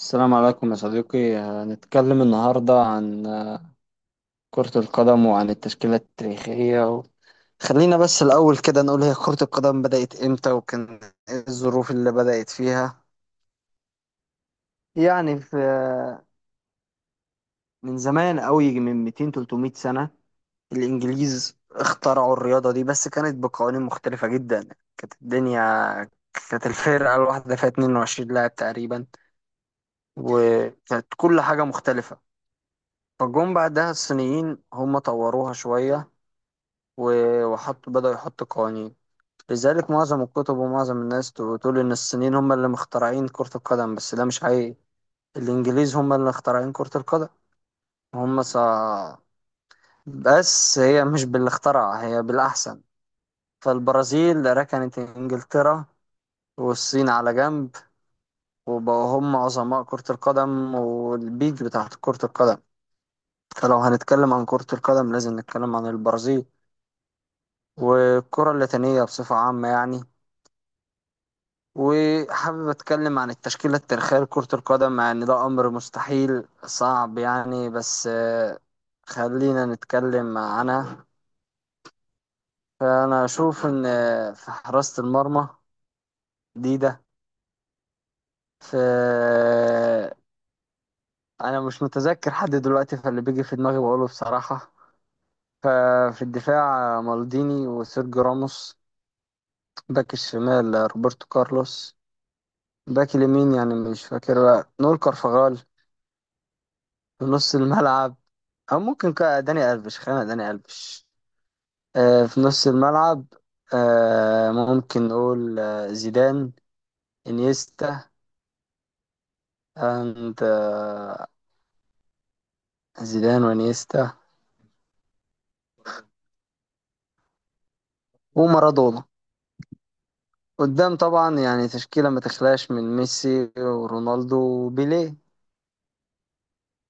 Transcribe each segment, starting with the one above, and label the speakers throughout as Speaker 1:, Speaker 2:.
Speaker 1: السلام عليكم يا صديقي، هنتكلم النهاردة عن كرة القدم وعن التشكيلة التاريخية خلينا بس الأول كده نقول هي كرة القدم بدأت إمتى وكان إيه الظروف اللي بدأت فيها. يعني في من زمان قوي، من 200 300 سنة الإنجليز اخترعوا الرياضة دي، بس كانت بقوانين مختلفة جدا. كانت الدنيا كانت الفرقة الواحدة فيها 22 لاعب تقريبا، وكانت كل حاجة مختلفة. فجم بعدها الصينيين هم طوروها شوية و- وحطوا بدأوا يحطوا قوانين. لذلك معظم الكتب ومعظم الناس تقول إن الصينيين هم اللي مخترعين كرة القدم، بس ده مش حقيقي. الإنجليز هم اللي مخترعين كرة القدم. هم ص... بس هي مش باللي اخترع، هي بالأحسن. فالبرازيل ركنت إنجلترا والصين على جنب، وبقوا هم عظماء كرة القدم والبيج بتاعت كرة القدم. فلو هنتكلم عن كرة القدم لازم نتكلم عن البرازيل والكرة اللاتينية بصفة عامة يعني. وحابب أتكلم عن التشكيلة التاريخية لكرة القدم، مع إن ده أمر مستحيل صعب يعني، بس خلينا نتكلم عنها. فأنا أشوف إن في حراسة المرمى ديدا. في آه، أنا مش متذكر حد دلوقتي، فاللي بيجي في دماغي بقوله بصراحة. ففي الدفاع مالديني وسيرجيو راموس. باك الشمال روبرتو كارلوس. باك اليمين يعني مش فاكر بقى، نور كارفاغال. في نص الملعب، او ممكن داني الفيش، خلينا داني الفيش. آه في نص الملعب، آه ممكن نقول زيدان، انيستا، اند آه زيدان وانيستا ومارادونا. قدام طبعا يعني تشكيلة ما تخلاش من ميسي ورونالدو وبيليه.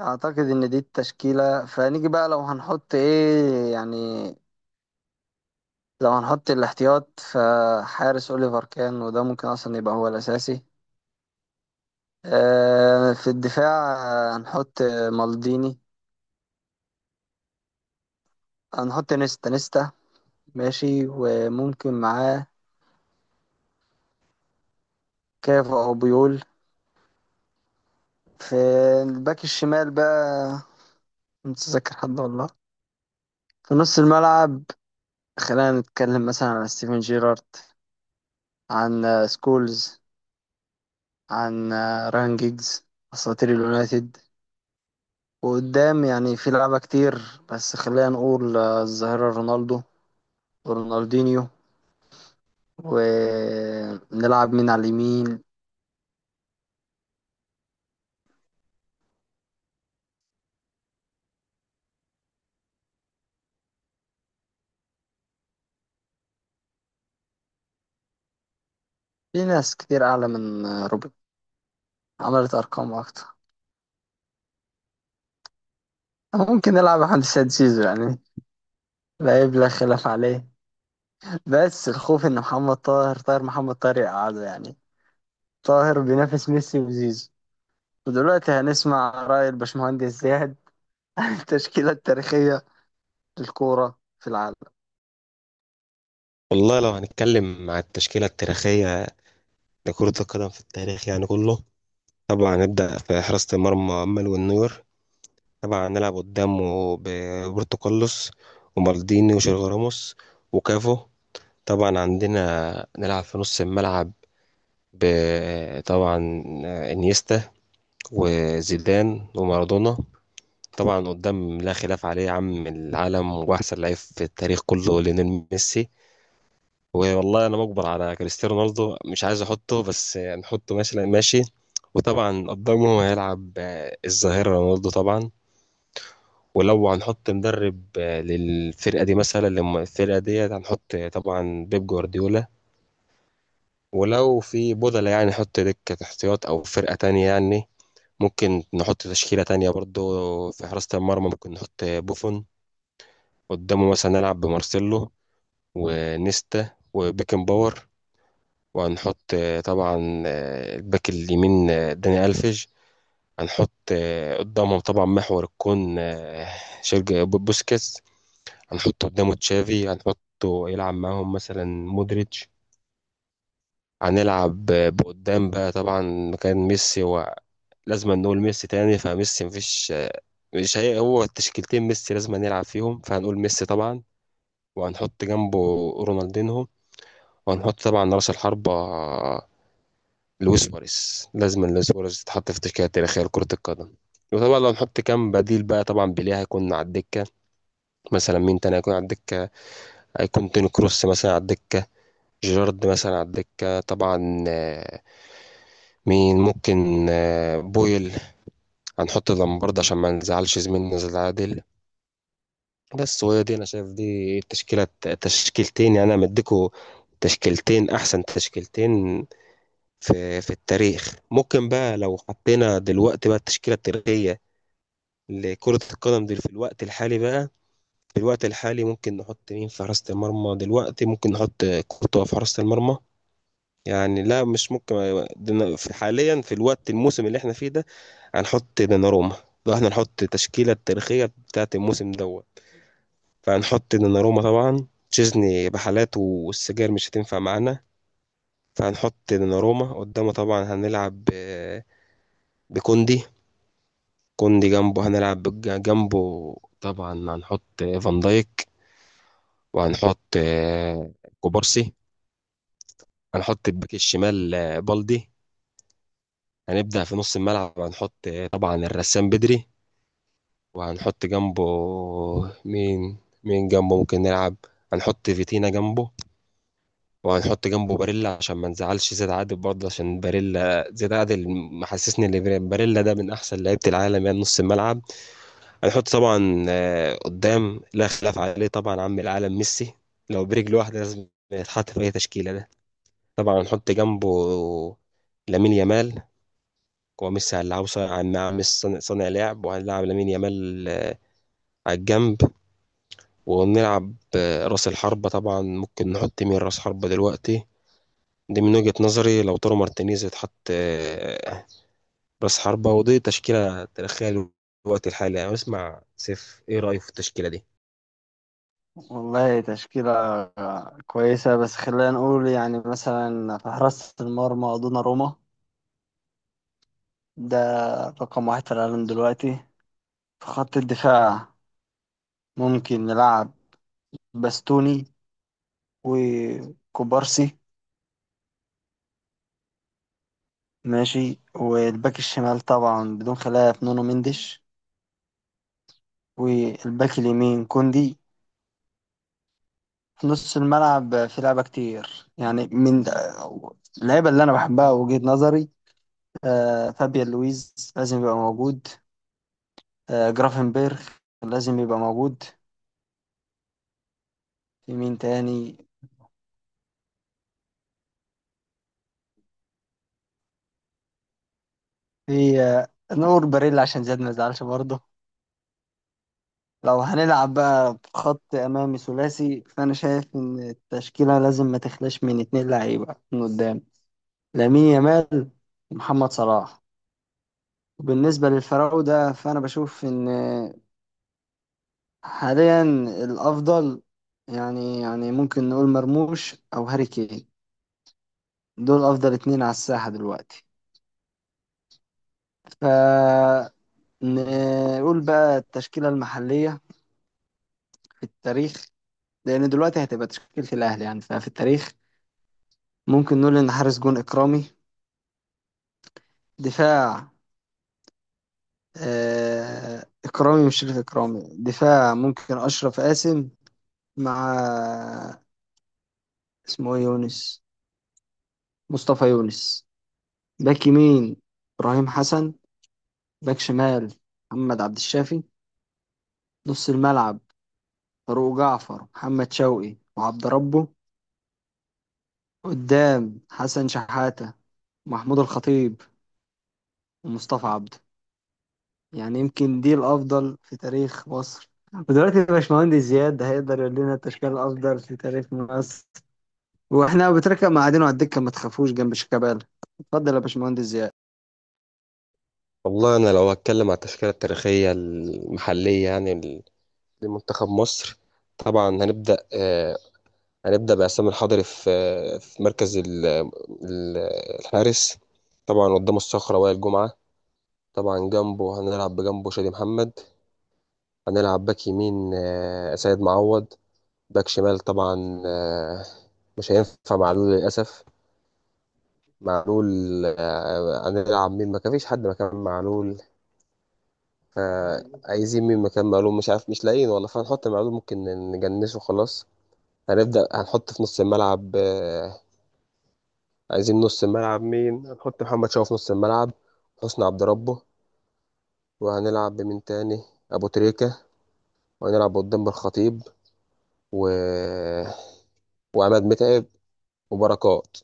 Speaker 1: اعتقد ان دي التشكيلة. فنيجي بقى لو هنحط ايه يعني، لو هنحط الاحتياط، فحارس اوليفر كان، وده ممكن اصلا يبقى هو الاساسي. في الدفاع هنحط مالديني، هنحط نيستا ماشي، وممكن معاه كافو أو بيول. في الباك الشمال بقى، متذكر حد والله. في نص الملعب خلينا نتكلم مثلا عن ستيفن جيرارد، عن سكولز، عن راهان جيجز، أساطير اليونايتد. وقدام يعني في لعبة كتير، بس خلينا نقول الظاهرة رونالدو ورونالدينيو. ونلعب مين على اليمين؟ في ناس كتير أعلى من روبن، عملت أرقام أكتر. ممكن نلعب عند سيد زيزو يعني، لا يبلغ خلاف عليه، بس الخوف إن محمد طاهر، طاهر محمد طاهر يقعده يعني. طاهر بينافس ميسي وزيزو. ودلوقتي هنسمع رأي الباشمهندس زياد التشكيلة التاريخية للكورة في العالم.
Speaker 2: والله لو هنتكلم على التشكيلة التاريخية لكرة القدم في التاريخ يعني كله. طبعا نبدأ في حراسة المرمى أمل والنور. طبعا نلعب قدامه بروبرتو كارلوس ومالديني وسيرجيو راموس وكافو. طبعا عندنا نلعب في نص الملعب طبعا انيستا وزيدان ومارادونا. طبعا قدام لا خلاف عليه عم العالم واحسن لعيب في التاريخ كله ليونيل ميسي. والله انا مجبر على كريستيانو رونالدو، مش عايز احطه بس نحطه ماشي لا ماشي. وطبعا قدامه هيلعب الظاهرة رونالدو طبعا. ولو هنحط مدرب للفرقة دي، مثلا الفرقة دي هنحط طبعا بيب جوارديولا. ولو في بدلة يعني نحط دكة احتياط او فرقة تانية، يعني ممكن نحط تشكيلة تانية برضو. في حراسة المرمى ممكن نحط بوفون، قدامه مثلا نلعب بمارسيلو ونيستا وبيكن باور. وهنحط طبعا الباك اليمين داني ألفيج. هنحط قدامهم طبعا محور الكون سيرجي بوسكيتس. هنحط قدامه تشافي، هنحطه يلعب معاهم مثلا مودريتش. هنلعب بقدام بقى طبعا مكان ميسي، ولازم نقول ميسي تاني فميسي مفيش مش هي هو التشكيلتين، ميسي لازم نلعب فيهم فهنقول ميسي طبعا. وهنحط جنبه رونالدينهو. وهنحط طبعا رأس الحربة لويس سواريز، لازم لويس سواريز تتحط في التشكيله التاريخيه لكره القدم. وطبعا لو نحط كام بديل بقى طبعا بيليه هيكون على الدكه، مثلا مين تاني هيكون على الدكه؟ هيكون توني كروس مثلا على الدكه، جيرارد مثلا على الدكه طبعا. مين ممكن؟ بويل. هنحط لامبرد عشان ما نزعلش زميلنا زي عادل بس. وهي دي انا شايف دي التشكيله، تشكيلتين يعني انا مديكوا تشكيلتين، احسن تشكيلتين في التاريخ. ممكن بقى لو حطينا دلوقتي بقى التشكيله التاريخيه لكرة القدم دي في الوقت الحالي بقى، في الوقت الحالي ممكن نحط مين في حراسة المرمى؟ دلوقتي ممكن نحط كورتوا في حراسة المرمى، يعني لا مش ممكن. في حاليا في الوقت، الموسم اللي احنا فيه ده هنحط دوناروما. لو احنا نحط التشكيلة التاريخية بتاعة الموسم دوت فهنحط دوناروما طبعا، تشيزني بحالات والسجاير مش هتنفع معانا. فهنحط دوناروما، قدامه طبعا هنلعب بكوندي. كوندي جنبه هنلعب جنبه طبعا هنحط فان دايك. وهنحط كوبارسي. هنحط الباك الشمال بالدي. هنبدأ في نص الملعب، هنحط طبعا الرسام بدري. وهنحط جنبه مين؟ مين جنبه ممكن نلعب؟ هنحط فيتينا جنبه، وهنحط جنبه باريلا عشان ما نزعلش زيد عادل برضه، عشان باريلا زيد عادل محسسني ان باريلا ده من احسن لعيبه العالم. يعني نص الملعب. هنحط طبعا قدام لا خلاف عليه طبعا عم العالم ميسي، لو برجل واحده لازم يتحط في اي تشكيله ده. طبعا هنحط جنبه لامين يامال. هو ميسي هنلعبه صانع، مع ميسي صانع، صانع لعب، وهنلعب لامين يامال على الجنب. ونلعب راس الحربة طبعا. ممكن نحط مين راس حربة دلوقتي؟ دي من وجهة نظري لو تارو مارتينيز يتحط راس حربة. ودي تشكيلة تاريخية للوقت الحالي يعني. اسمع سيف ايه رأيه في التشكيلة دي؟
Speaker 1: والله تشكيلة كويسة، بس خلينا نقول يعني مثلا في حراسة المرمى دوناروما، ده رقم واحد في العالم دلوقتي. في خط الدفاع ممكن نلعب باستوني وكوبارسي ماشي. والباك الشمال طبعا بدون خلاف نونو مندش. والباك اليمين كوندي. في نص الملعب في لعبة كتير يعني، من اللعيبة اللي أنا بحبها وجهة نظري، فابيان لويز لازم يبقى موجود، جرافنبرغ لازم يبقى موجود. في مين تاني؟ في نور باريلا عشان زياد ما يزعلش برضه. لو هنلعب بقى بخط أمامي ثلاثي، فأنا شايف إن التشكيلة لازم ما تخلاش من اتنين لعيبة من قدام، لامين يامال ومحمد صلاح. وبالنسبة للفراودة، فأنا بشوف إن حاليا الأفضل يعني، يعني ممكن نقول مرموش أو هاري كين، دول أفضل اتنين على الساحة دلوقتي. فنقول بقى التشكيلة المحلية في التاريخ، لأن دلوقتي هتبقى تشكيلة الأهلي يعني. ففي التاريخ ممكن نقول إن حارس جون إكرامي، دفاع إكرامي وشريف إكرامي. دفاع ممكن أشرف قاسم مع اسمه إيه، يونس، مصطفى يونس. باك يمين إبراهيم حسن. باك شمال محمد عبد الشافي. نص الملعب فاروق جعفر، محمد شوقي، وعبد ربه. قدام حسن شحاتة، محمود الخطيب، ومصطفى عبده. يعني يمكن دي الأفضل في تاريخ مصر. ودلوقتي باشمهندس زياد هيقدر يقول لنا التشكيلة الأفضل في تاريخ مصر، واحنا بتركب قاعدين على الدكه ما تخافوش جنب شيكابالا. اتفضل يا باشمهندس زياد.
Speaker 2: والله انا لو هتكلم على التشكيلة التاريخية المحلية يعني لمنتخب مصر، طبعا هنبدأ، هنبدأ بعصام الحضري في في مركز ال- الحارس. طبعا قدام الصخرة وائل جمعة، طبعا جنبه هنلعب بجنبه شادي محمد. هنلعب باك يمين سيد معوض. باك شمال طبعا مش هينفع معلول للأسف. معلول هنلعب مين؟ ما كان فيش حد مكان معلول، فعايزين مين مكان معلول؟ مش عارف، مش لاقيين والله، فهنحط معلول ممكن نجنسه خلاص. هنبدأ هنحط في نص الملعب عايزين نص الملعب مين؟ هنحط محمد شوقي في نص الملعب، حسني عبد ربه، وهنلعب بمين تاني؟ ابو تريكة. وهنلعب قدام بالخطيب و... وعماد متعب وبركات.